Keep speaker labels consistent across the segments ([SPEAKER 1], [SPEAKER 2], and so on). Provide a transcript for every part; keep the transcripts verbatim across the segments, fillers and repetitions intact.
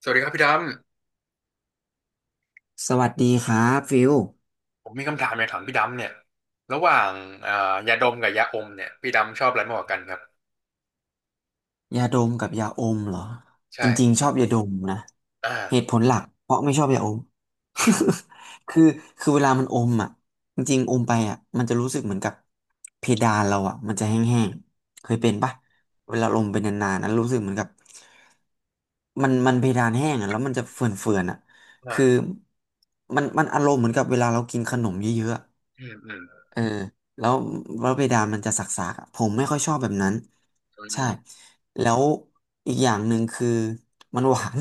[SPEAKER 1] สวัสดีครับพี่ด
[SPEAKER 2] สวัสดีครับฟิล
[SPEAKER 1] ำผมมีคำถามอยากถามพี่ดำเนี่ยระหว่างอ่ายาดมกับยาอมเนี่ยพี่ดำชอบอะไรมากกว่ากันครับ
[SPEAKER 2] ยาดมกับยาอมเหรอจริง
[SPEAKER 1] ใช่
[SPEAKER 2] ๆชอบยาดมนะเหตุ
[SPEAKER 1] อ่า
[SPEAKER 2] ผลหลักเพราะไม่ชอบยาอม คือคือเวลามันอมอ่ะจริงๆอมไปอ่ะมันจะรู้สึกเหมือนกับเพดานเราอ่ะมันจะแห้งๆเค
[SPEAKER 1] อ
[SPEAKER 2] ย
[SPEAKER 1] ม
[SPEAKER 2] เป็นปะเวลาอมไปนานๆนะรู้สึกเหมือนกับมันมันเพดานแห้งอ่ะแล้วมันจะเฟื่อนๆอ่ะคือ
[SPEAKER 1] อ่า
[SPEAKER 2] มันมันอารมณ์เหมือนกับเวลาเรากินขนมเยอะๆอะ
[SPEAKER 1] อืมอืม
[SPEAKER 2] เออแล้วแล้วเพดานมันจะสักๆอะผมไม่ค่อยชอบแบบนั้น
[SPEAKER 1] อื
[SPEAKER 2] ใช่
[SPEAKER 1] ม
[SPEAKER 2] แล้วอีกอย่างหนึ่งคือ มันหวาน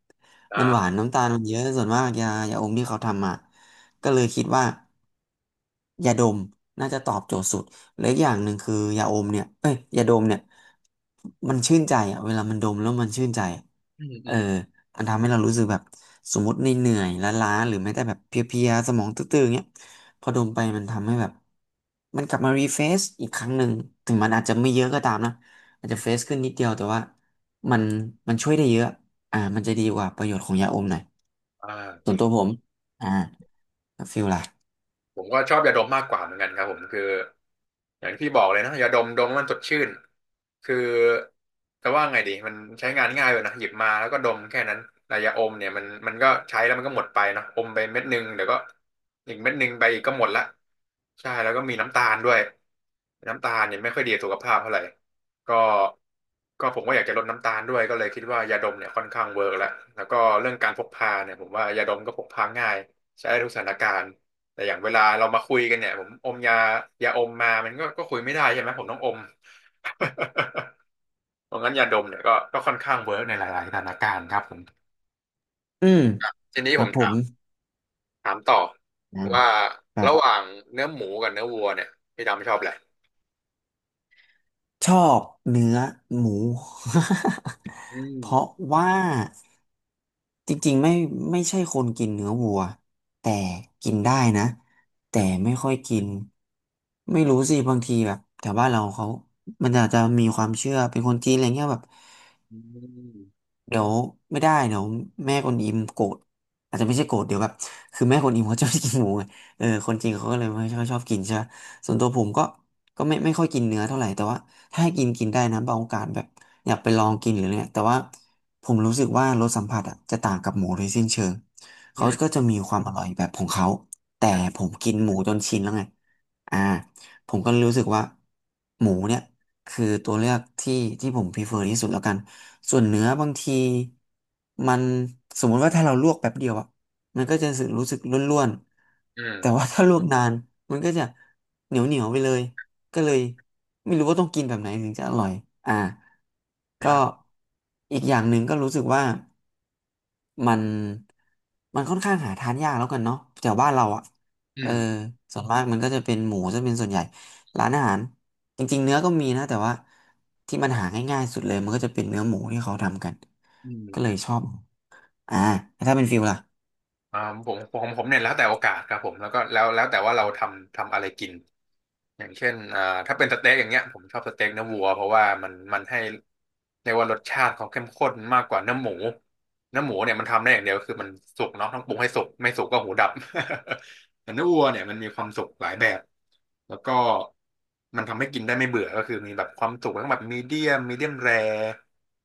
[SPEAKER 2] มันหวา
[SPEAKER 1] อ่า
[SPEAKER 2] นน้ำตาลมันเยอะส่วนมากยายาอมที่เขาทำอ่ะก็เลยคิดว่ายาดมน่าจะตอบโจทย์สุดและอีกอย่างหนึ่งคือยาอมเนี่ยเอ้ยยาดมเนี่ยมันชื่นใจอ่ะเวลามันดมแล้วมันชื่นใจอะ
[SPEAKER 1] อืม
[SPEAKER 2] เอ
[SPEAKER 1] อื
[SPEAKER 2] อ
[SPEAKER 1] ม
[SPEAKER 2] อันทำให้เรารู้สึกแบบสมมติในเหนื่อยๆล้าๆหรือแม้แต่แบบเพลียๆสมองตื้อๆเงี้ยพอ
[SPEAKER 1] อื
[SPEAKER 2] ดม
[SPEAKER 1] ม
[SPEAKER 2] ไปมันทำให้แบบมันกลับมารีเฟรชอีกครั้งหนึ่งถึงมันอาจจะไม่เยอะก็ตามนะอาจจะเฟรชขึ้นนิดเดียวแต่ว่ามันมันช่วยได้เยอะอ่ามันจะดีกว่าประโยชน์ของยาอมหน่อย
[SPEAKER 1] อ่าจ
[SPEAKER 2] ส่ว
[SPEAKER 1] ริ
[SPEAKER 2] น
[SPEAKER 1] ง
[SPEAKER 2] ตัวผมอ่าแล้วฟิลล่ะ
[SPEAKER 1] ผมก็ชอบยาดมมากกว่าเหมือนกันครับผมคืออย่างที่บอกเลยนะยาดมดมแล้วมันสดชื่นคือจะว่าไงดีมันใช้งานง่ายเลยนะหยิบมาแล้วก็ดมแค่นั้นแต่ยาอมเนี่ยมันมันก็ใช้แล้วมันก็หมดไปเนอะอมไปเม็ดหนึงเดี๋ยวก็อีกเม็ดหนึงไปอีกก็หมดละใช่แล้วก็มีน้ำตาลด้วยน้ำตาลเนี่ยไม่ค่อยดีต่อสุขภาพเท่าไหร่ก็ก็ผมก็อยากจะลดน้ำตาลด้วยก็เลยคิดว่ายาดมเนี่ยค่อนข้างเวิร์กแล้วแล้วก็เรื่องการพกพาเนี่ยผมว่ายาดมก็พกพาง่ายใช้ได้ทุกสถานการณ์ แต่อย่างเวลาเรามาคุยกันเนี่ยผมอมยายาอมมามันก็ก็คุยไม่ได้ใช่ไหมผมต้องอม เพราะงั้นยาดมเนี่ยก็ก็ค่อนข้างเวิร์กในหลายๆสถานการณ์ครับผม
[SPEAKER 2] อืม
[SPEAKER 1] ทีนี้
[SPEAKER 2] ค
[SPEAKER 1] ผ
[SPEAKER 2] รับ
[SPEAKER 1] ม
[SPEAKER 2] ผ
[SPEAKER 1] ถา
[SPEAKER 2] ม
[SPEAKER 1] มถามต่อ
[SPEAKER 2] นะ
[SPEAKER 1] ว่า
[SPEAKER 2] ครั
[SPEAKER 1] ระห
[SPEAKER 2] บ
[SPEAKER 1] ว่างเนื้อหมูกับเนื้อวัวเนี่ยพี่ดำชอบอะไร
[SPEAKER 2] ชอบเนื้อหมู
[SPEAKER 1] อืม
[SPEAKER 2] เพราะว่า จริงๆไม่ไม่ใช่คนกินเนื้อวัวแต่กินได้นะ
[SPEAKER 1] อื
[SPEAKER 2] แต่
[SPEAKER 1] ม
[SPEAKER 2] ไม่ค่อยกินไม่รู้สิบางทีแบบแถวบ้านเราเขามันอาจจะมีความเชื่อเป็นคนจีนอะไรเงี้ยแบบ เดี๋ยวไม่ได้เดี๋ยวแม่คนอิมโกรธอาจจะไม่ใช่โกรธเดี๋ยวแบบคือแม่คนอิมเขาชอบกินหมูไงเออคนจริงเขาก็เลยไม่ค่อยชอบกินใช่ปะส่วนตัวผมก็ก็ไม่ไม่ค่อยกินเนื้อเท่าไหร่แต่ว่าถ้าให้กินกินได้นะบางโอกาสแบบอยากไปลองกินหรืออะไรเนี่ยแต่ว่าผมรู้สึกว่ารสสัมผัสอ่ะจะต่างกับหมูโดยสิ้นเชิง
[SPEAKER 1] อื
[SPEAKER 2] เขาก็
[SPEAKER 1] ม
[SPEAKER 2] จะมีความอร่อยแบบของเขาแต่
[SPEAKER 1] อืม
[SPEAKER 2] ผมกินหมูจนชินแล้วไงอ่าผมก็เลยรู้สึกว่าหมูเนี่ยคือตัวเลือกที่ที่ผมพ r e เ e r ที่สุดแล้วกัน ส่วนเนื้อบางทีมันสมมุติว่าถ้าเราลวกแป๊บเดียวอะมันก็จะรู้สึกรู้สึกร่วน
[SPEAKER 1] อื
[SPEAKER 2] ๆแต่ว่า
[SPEAKER 1] ม
[SPEAKER 2] ถ้าลวกนานมันก็จะเหนียวเหนียวไปเลยก็เล
[SPEAKER 1] อื
[SPEAKER 2] ย
[SPEAKER 1] ม
[SPEAKER 2] ไม่รู้ว่าต้องกินแบบไหนถึงจะอร่อยอ่า
[SPEAKER 1] ครั
[SPEAKER 2] ก็
[SPEAKER 1] บ
[SPEAKER 2] อีกอย่างหนึ่งก็รู้สึกว่า มันมันค่อนข้างหาทานยากแล้วกันเนาะแถวบ้านเราอ่ะ
[SPEAKER 1] อื
[SPEAKER 2] เออ
[SPEAKER 1] ม
[SPEAKER 2] ส่วนมากมันก็จะเป็นหมูจะเป็นส่วนใหญ่ร้านอาหารจริงๆเนื้อก็มีนะแต่ว่าที่มันหาง่ายๆสุดเลยมันก็จะเป็นเนื้อหมูที่เขาทำกัน
[SPEAKER 1] อืม
[SPEAKER 2] ก็เลยชอบอ่าแล้วถ้าเป็นฟิลล่ะ
[SPEAKER 1] อ่าผมผมผมเนี่ยแล้วแต่โอกาสครับผมแล้วก็แล้วแล้วแต่ว่าเราทำทำอะไรกินอย่างเช่นอ่าถ้าเป็นสเต็กอย่างเงี้ยผมชอบสเต็กเนื้อวัวเพราะว่ามันมันให้เรียกว่ารสชาติเขาเข้มข้นมากกว่าเนื้อหมูเนื้อหมูเนี่ยมันทำได้อย่างเดียวคือมันสุกเนาะต้องปรุงให้สุกไม่สุกก็หูดับ แต่เนื้อวัวเนี่ยมันมีความสุกหลายแบบแล้วก็มันทำให้กินได้ไม่เบื่อก็คือมีแบบความสุกทั้งแบบมีเดียมมีเดียมแร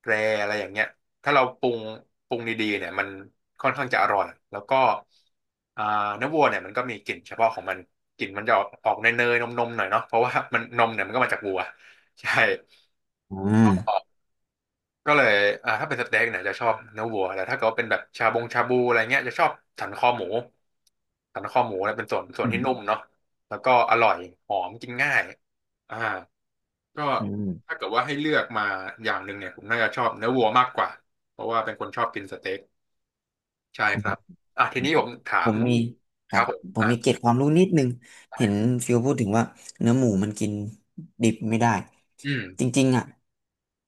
[SPEAKER 1] แรอะไรอย่างเงี้ย ถ้าเราปรุงปรุงดีๆเนี่ยมันค่อนข้างจะอร่อยแล้วก็อ่าเนื้อวัวเนี่ยมันก็มีกลิ่นเฉพาะของมันกลิ่นมันจะออกออกเนยๆนมๆหน่อยเนาะเพราะว่า มันนมเนี่ยมันก็มาจากวัวใช่
[SPEAKER 2] อืม
[SPEAKER 1] ก็เลยอ่าถ้าเป็นสเต็กเนี่ยจะชอบเนื้อวัวแต่ถ้าเกิดว่าเป็นแบบชาบงชาบูอะไรเงี้ยจะชอบสันคอหมูสันคอหมูเนี่ยเป็นส่วนส่วน
[SPEAKER 2] อื
[SPEAKER 1] ที่
[SPEAKER 2] ม
[SPEAKER 1] นุ่มเนาะแล้วก็อร่อยหอมกินง่ายอ่าก็
[SPEAKER 2] อืม
[SPEAKER 1] ถ้าเกิดว่าให้เลือกมาอย่างหนึ่งเนี่ยผมน่าจะชอบเนื้อวัวมากกว่าเพราะว่าเป็นคนชอบกินสเต็ก ใช่ครับ อ่ะทีนี้ผมถา
[SPEAKER 2] ผ
[SPEAKER 1] ม
[SPEAKER 2] มมีค
[SPEAKER 1] ค
[SPEAKER 2] รั
[SPEAKER 1] รั
[SPEAKER 2] บ
[SPEAKER 1] บผม
[SPEAKER 2] ผม
[SPEAKER 1] อ่ะ
[SPEAKER 2] มีเกร็ดความรู้นิดนึงเห็นฟิวพูดถึงว่าเนื้อหมูมันกินดิบไม่ได้
[SPEAKER 1] อืม
[SPEAKER 2] จริงๆอ่ะ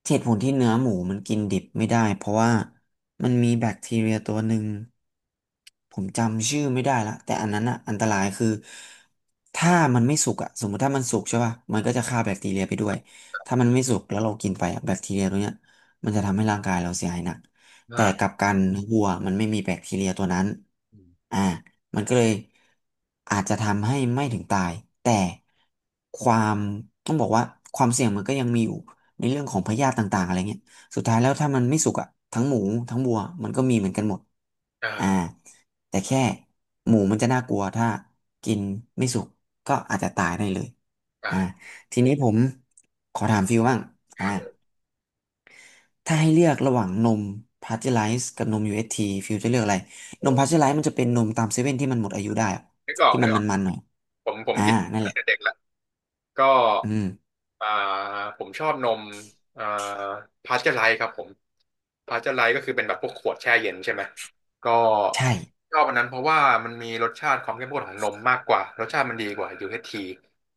[SPEAKER 2] เหตุผลที่เนื้อหมูมันกินดิบไม่ได้เพราะว่ามันมีแบคทีเรียตัวหนึ่งผมจำชื่อไม่ได้ละแต่อันนั้นอ่ะอันตรายคือถ้ามันไม่สุกอ่ะสมมติถ้ามันสุกใช่ป่ะมันก็จะฆ่าแบคทีเรียไปด้วยถ้ามันไม่สุกแล้วเรากินไปอะแบคทีเรียตัวเนี้ยมันจะทำให้ร่างกายเราเสียหายหนัก แต่กลับ
[SPEAKER 1] อ่า
[SPEAKER 2] กันวัวมันไม่มีแบคทีเรียตัวนั้น
[SPEAKER 1] อืม
[SPEAKER 2] อ่ามันก็เลยอาจจะทำให้ไม่ถึงตายแต่ความต้องบอกว่าความเสี่ยงมันก็ยังมีอยู่ในเรื่องของพยาธิต่างๆอะไรเงี้ยสุดท้ายแล้วถ้ามันไม่สุกอะทั้งหมูทั้งวัวมันก็มีเหมือนกันหมด
[SPEAKER 1] เออ
[SPEAKER 2] อ่าแต่แค่หมูมันจะน่ากลัวถ้ากินไม่สุกก็อาจจะตายได้เลยอ่า
[SPEAKER 1] อ่า
[SPEAKER 2] ทีนี้ผมขอถามฟิวบ้าง
[SPEAKER 1] ค
[SPEAKER 2] อ่า
[SPEAKER 1] รับ
[SPEAKER 2] ถ้าให้เลือกระหว่างนมพาสเจอไรซ์กับนม ยู เอช ที ฟิวจะเลือกอะไร
[SPEAKER 1] เอ
[SPEAKER 2] นมพาสเจอ
[SPEAKER 1] อ
[SPEAKER 2] ไรซ์มันจะเป็นนมตามเซเว่นที่มันหมดอายุได้อะ
[SPEAKER 1] นึกออก
[SPEAKER 2] ที่
[SPEAKER 1] นึ
[SPEAKER 2] มั
[SPEAKER 1] ก
[SPEAKER 2] น
[SPEAKER 1] ออก
[SPEAKER 2] มันๆหน่อย
[SPEAKER 1] ผมผม
[SPEAKER 2] อ่า
[SPEAKER 1] กิน
[SPEAKER 2] นั่น
[SPEAKER 1] มา
[SPEAKER 2] แห
[SPEAKER 1] ตั้ง
[SPEAKER 2] ละ
[SPEAKER 1] แต่เด็กละ ก็
[SPEAKER 2] อืม
[SPEAKER 1] อ่าผมชอบนมอ่าพาสเจอร์ไลท์ครับผมพาสเจอร์ไลท์ก็คือเป็นแบบพวกขวดแช่เย็นใช่ไหมก็
[SPEAKER 2] ใช่
[SPEAKER 1] ชอบอันนั้นเพราะว่ามันมีรสชาติความเข้มข้นของนมมากกว่ารสชาติมันดีกว่า u ท t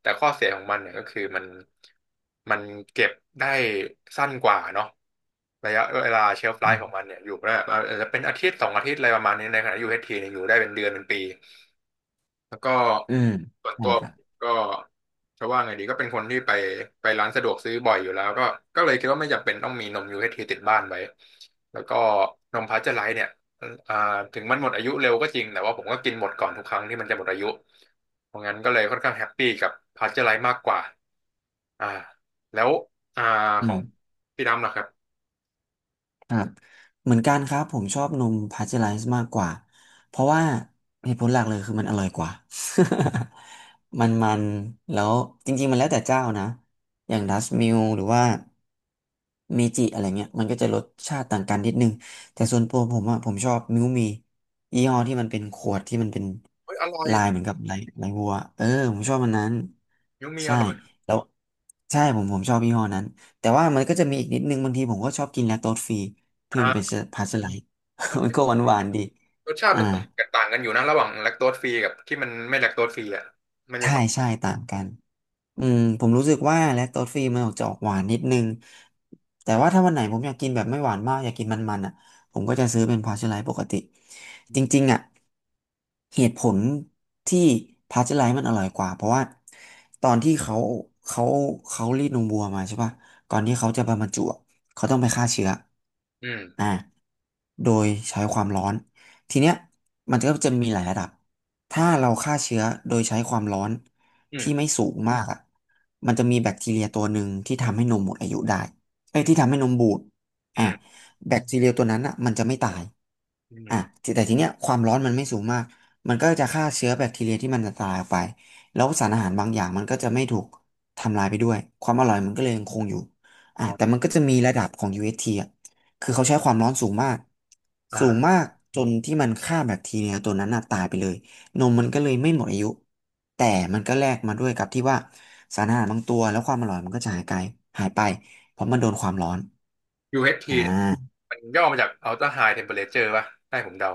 [SPEAKER 1] แต่ข้อเสียของมันเนี่ยก็คือมันมันเก็บได้สั้นกว่าเนาะระยะเวลาเชลฟ์ไล
[SPEAKER 2] อื
[SPEAKER 1] ฟ์ของ
[SPEAKER 2] ม
[SPEAKER 1] มันเนี่ยอยู่ได้อาจจะเป็นอาทิตย์สองอาทิตย์อะไรประมาณนี้ในขณะ u ทีเนี่ยอยู่ได้เป็นเดือนเป็นปี แล้วก็
[SPEAKER 2] อืม
[SPEAKER 1] ส่วน
[SPEAKER 2] ใช่
[SPEAKER 1] ตัว
[SPEAKER 2] ครับ
[SPEAKER 1] ก็จะว่าไงดีก็เป็นคนที่ไปไปร้านสะดวกซื้อบ่อยอยู่แล้วก็ก็เลยคิดว่าไม่จำเป็นต้องมีนม ยู เอช ที ติดบ้านไว้แล้วก็นมพาสเจอร์ไลซ์เนี่ยอ่าถึงมันหมดอายุเร็วก็จริงแต่ว่าผมก็กินหมดก่อนทุกครั้งที่มันจะหมดอายุเพราะงั้นก็เลยค่อนข้างแฮปปี้กับพาสเจอร์ไลซ์มากกว่าอ่าแล้วอ่า
[SPEAKER 2] อื
[SPEAKER 1] ขอ
[SPEAKER 2] ม
[SPEAKER 1] งพี่ดำล่ะครับ
[SPEAKER 2] ครับเหมือนกันครับผมชอบนมพาสเจอไรซ์มากกว่าเพราะว่าเหตุผลหลักเลยคือมันอร่อยกว่า มันมันแล้วจริงๆมันแล้วแต่เจ้านะอย่างดัสมิลหรือว่าเมจิอะไรเงี้ยมันก็จะรสชาติต่างกันนิดนึงแต่ส่วนตัวผมอะผมชอบมิวมียี่ห้อที่มันเป็นขวดที่มันเป็น
[SPEAKER 1] เฮ้ยอร่อย
[SPEAKER 2] ลายเหมือนกับลายลายวัวเออผมชอบมันนั้น
[SPEAKER 1] ยูมีอ
[SPEAKER 2] ใช่
[SPEAKER 1] ร่อย
[SPEAKER 2] แล้วใช่ผมผมชอบยี่ห้อนั้น แต่ว่ามันก็จะมีอีกนิดนึงบางทีผมก็ชอบกินแลคโตสฟรีที่มันเป็น
[SPEAKER 1] อ่า
[SPEAKER 2] พาสเจอร์ไลท์ มันก็หวานๆดี
[SPEAKER 1] รสชาติ
[SPEAKER 2] อ่า
[SPEAKER 1] มันต่างกันต่างกันอยู่นะระหว่างแลคโตสฟรีกับที่มันไม่แลคโตสฟรีอ่ะมันมี
[SPEAKER 2] ใช่
[SPEAKER 1] ความ
[SPEAKER 2] ใช่ต่างกัน อืมผมรู้สึกว่าแลคโตสฟรีมันออกจะออกหวานนิดนึงแต่ว่าถ้าวันไหนผมอยากกินแบบไม่หวานมากอยากกินมันๆอ่ะผมก็จะซื้อเป็นพาสเจอไรปกติจริงๆอ่ะเหตุผลที่พาสเจอไรมันอร่อยกว่าเพราะว่าตอนที่เขาเขาเขารีดนมวัวมาใช่ป่ะก่อนที่เขาจะมาบรรจุอะเขาต้องไปฆ่าเชื้อ
[SPEAKER 1] อืม
[SPEAKER 2] อ่าโดยใช้ความร้อนทีเนี้ยมันก็จะมีหลายระดับถ้าเราฆ่าเชื้อโดยใช้ความร้อน
[SPEAKER 1] อืม
[SPEAKER 2] ที่ไม่สูงมากอ่ะมันจะมีแบคทีเรียตัวหนึ่งที่ทำให้นมหมดอายุได้เอ้ย
[SPEAKER 1] อื
[SPEAKER 2] ที่
[SPEAKER 1] ม
[SPEAKER 2] ทำให้นมบูด
[SPEAKER 1] อื
[SPEAKER 2] อ่ะ
[SPEAKER 1] ม
[SPEAKER 2] แบคทีเรียตัวนั้นอ่ะมันจะไม่ตาย
[SPEAKER 1] อื
[SPEAKER 2] อ่ะ
[SPEAKER 1] ม
[SPEAKER 2] แต่แต่ทีเนี้ยความร้อนมันไม่สูงมากมันก็จะฆ่าเชื้อแบคทีเรียที่มันจะตายออกไปแล้วสารอาหารบางอย่างมันก็จะไม่ถูกทำลายไปด้วยความอร่อยมันก็เลยยังคงอยู่อ่ะ
[SPEAKER 1] อ๋อ
[SPEAKER 2] แต่มันก็จะมีระดับของ ยู เอช ที อชทีอ่ะคือเขาใช้ความร้อนสูงมาก สูงมา
[SPEAKER 1] อ่า
[SPEAKER 2] กจนที่มันฆ่าแบคทีเรียตัวนั้นน่ะตายไปเลย นมมันก็เลยไม่หมดอายุแต่มันก็แลกมาด้วยกับที่ว่าสารอาหารบางตัวแล้วความอร่อยมันก็จะหายไปหายไปเพราะมันโดนความร้อน
[SPEAKER 1] ยู เอช ที
[SPEAKER 2] อ่
[SPEAKER 1] เอชทีเนี่ย
[SPEAKER 2] า
[SPEAKER 1] มันย่อมาจาก Ultra High Temperature ป่ะให้ผมเดา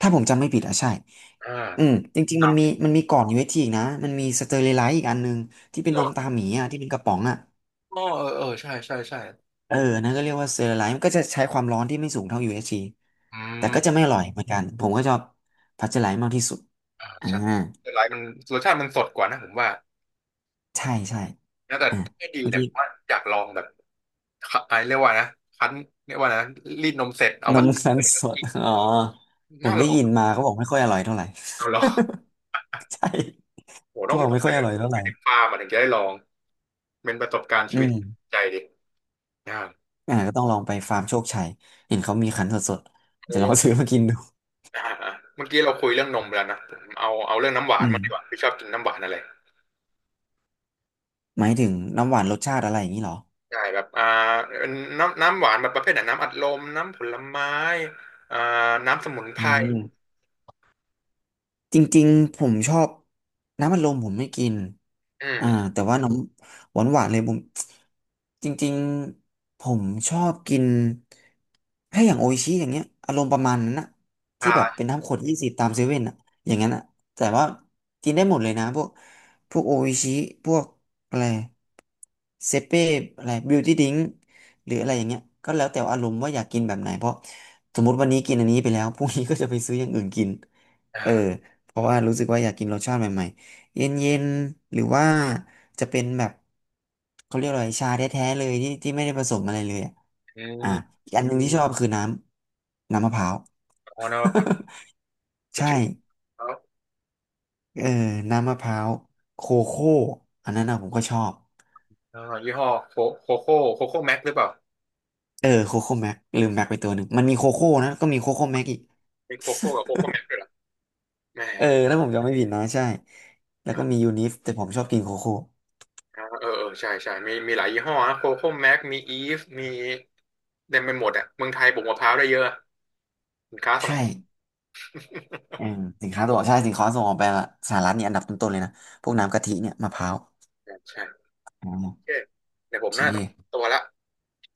[SPEAKER 2] ถ้าผมจำไม่ผิดอ่ะใช่
[SPEAKER 1] อ่า
[SPEAKER 2] อืมจริง
[SPEAKER 1] ค
[SPEAKER 2] ๆมั
[SPEAKER 1] รั
[SPEAKER 2] นมี
[SPEAKER 1] บ
[SPEAKER 2] มันมีก่อน ยู เอช ที อชทีอีกนะมันมีสเตอ r i ไลซ์อีกอันหนึงที่เป็นนมตาหมีอ่ะที่เป็นกระป๋องอ่ะ
[SPEAKER 1] อ๋อเออเออใช่ใช่ใช่
[SPEAKER 2] เอออันนั่นก็เรียกว่าสเตอ r ์ไลซ์มันก็จะใช้ความร้อนที่ไม่สูงเท่า ยู เอช ที
[SPEAKER 1] อื
[SPEAKER 2] แต่ก็จะไม่
[SPEAKER 1] ม
[SPEAKER 2] อร่อยเหมือนกันผมก็ชอบพัชไลท์มากที่สุด
[SPEAKER 1] อ่า
[SPEAKER 2] อ่า
[SPEAKER 1] ใช่แต่หลายมันรสชาติมันสดกว่านะผมว่า
[SPEAKER 2] ใช่ใช่
[SPEAKER 1] นะแต่
[SPEAKER 2] อ่า
[SPEAKER 1] ให้ดี
[SPEAKER 2] เมื่อ
[SPEAKER 1] เนี่ย
[SPEAKER 2] กี้
[SPEAKER 1] ผมว่าอยากลองแบบไอะเรียกว่านะคั้นเรียกว่านะรีดนมเสร็จเอา
[SPEAKER 2] น
[SPEAKER 1] มา
[SPEAKER 2] มคั้น
[SPEAKER 1] เปิ
[SPEAKER 2] สด
[SPEAKER 1] กิน
[SPEAKER 2] อ๋อ ผม
[SPEAKER 1] น่า
[SPEAKER 2] ได้
[SPEAKER 1] ลอง
[SPEAKER 2] ยินมาเขาบอกไม่ค่อยอร่อยเท่าไหร่
[SPEAKER 1] น่าลอง
[SPEAKER 2] ใช่
[SPEAKER 1] โห
[SPEAKER 2] เขา
[SPEAKER 1] ต้อง
[SPEAKER 2] บอก
[SPEAKER 1] ต้อ
[SPEAKER 2] ไม่
[SPEAKER 1] งไป
[SPEAKER 2] ค่อยอร่อยเท่าไห
[SPEAKER 1] ไป
[SPEAKER 2] ร่
[SPEAKER 1] ถึงฟาร์มอะถึงจะได้ลอง เป็นประสบการณ์
[SPEAKER 2] อื
[SPEAKER 1] ชีวิต
[SPEAKER 2] ม
[SPEAKER 1] ใจดิอ่าก
[SPEAKER 2] อ่าก็ต้องลองไปฟาร์มโชคชัย เห็นเขามีคั้นสดๆจะลอง
[SPEAKER 1] เออ
[SPEAKER 2] ซื้อมากินดู
[SPEAKER 1] อ่าอ่าเมื่อกี้เราคุยเรื่องนมไปแล้วนะผมเอาเอาเรื่องน้ำหวาน
[SPEAKER 2] อืม
[SPEAKER 1] มางดีกว่าพี่ชอบกินน้ำหวานอะไร
[SPEAKER 2] หมายถึงน้ำหวานรสชาติอะไรอย่างนี้เหรอ
[SPEAKER 1] ใช่แบบอ่าน้ำน้ำหวานแบบประเภทไหนน้ำอัดลมน้ำผลไม้อ่าน้ำสมุนไพ
[SPEAKER 2] อื
[SPEAKER 1] ร
[SPEAKER 2] ม จริงๆผมชอบน้ำอัดลมผมไม่กิน
[SPEAKER 1] อื
[SPEAKER 2] อ่า
[SPEAKER 1] ม
[SPEAKER 2] แต่ว่าน้ำหวานหวานเลยผมจริงๆผมชอบกินถ้าอย่างโออิชิอย่างเงี้ยอารมณ์ประมาณนั้นนะที่
[SPEAKER 1] ชา
[SPEAKER 2] แบบเป็นน้ำขวดยี่สิบตามเซเว่นอะอย่างนั้นอะแต่ว่ากินได้หมดเลยนะพวกพวกโออิชิพวกอะไรเซเป้อะไรบิวตี้ดิงหรืออะไรอย่างเงี้ยก็แล้วแต่อารมณ์ว่าอยากกินแบบไหนเพราะสมมติวันนี้กินอันนี้ไปแล้วพรุ่งนี้ก็จะไปซื้ออย่างอื่นกิน เออ
[SPEAKER 1] อ่า
[SPEAKER 2] เพราะว่ารู้สึกว่าอยากกินรสชาติใหม่ๆ เย็นๆ หรือว่าจะเป็นแบบเขาเรียกอะไรชาแท้ๆเลยที่ที่ไม่ได้ผสมอะไรเลยอะ
[SPEAKER 1] อื
[SPEAKER 2] อ่ะ
[SPEAKER 1] ม
[SPEAKER 2] อีกอันหนึ่งที่ชอบคือน้ำน้ำมะพร้าว
[SPEAKER 1] อ๋อนะครั บ
[SPEAKER 2] ใช่
[SPEAKER 1] ชื่อเขา
[SPEAKER 2] เออน้ำมะพร้าวโคโค่อันนั้นนะผมก็ชอบ
[SPEAKER 1] อ่ายี่ห้อโคโคโค่โคโค่แม็กหรือเปล่า
[SPEAKER 2] เออโคโค่แม็กลืมแม็กไปตัวหนึ่งมันมีโคโค่นะก็มีโคโค่แม็กอีก
[SPEAKER 1] มีโคโค่กับโคโค่แม็กด้วยเหรอแหม่
[SPEAKER 2] เออแล้วผมจำไม่ผิดนะใช่แล้วก็มี
[SPEAKER 1] อ่า
[SPEAKER 2] ยูนิฟแต่ผมชอบกินโคโค่
[SPEAKER 1] อ่าเออเออใช่ใช่มีมีหลายยี่ห้อนะโคโค่แม็ก มีอีฟ มีเต็มไปหมดอ่ะเมืองไทยปลูกมะพร้าวได้เยอะสินค้าส่ง
[SPEAKER 2] ใช่ เออสินค้าตัวใช่สินค้าส่งออกไปสหรัฐเนี่ยอันดับต้นๆเลยนะพวกน้ำกะทิเนี่ยมะพร้าว
[SPEAKER 1] ใช่ใช่
[SPEAKER 2] อ๋
[SPEAKER 1] โอเค
[SPEAKER 2] อ
[SPEAKER 1] เดี๋ยวผ
[SPEAKER 2] โอ
[SPEAKER 1] มน่า
[SPEAKER 2] เค
[SPEAKER 1] ต้องตัวละ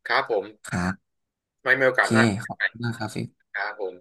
[SPEAKER 1] ครับผม
[SPEAKER 2] ครับ
[SPEAKER 1] ไม่มีโอ
[SPEAKER 2] โอ
[SPEAKER 1] กาส
[SPEAKER 2] เค
[SPEAKER 1] หน้า
[SPEAKER 2] ขอบคุณมากครับฟิก
[SPEAKER 1] ครับผม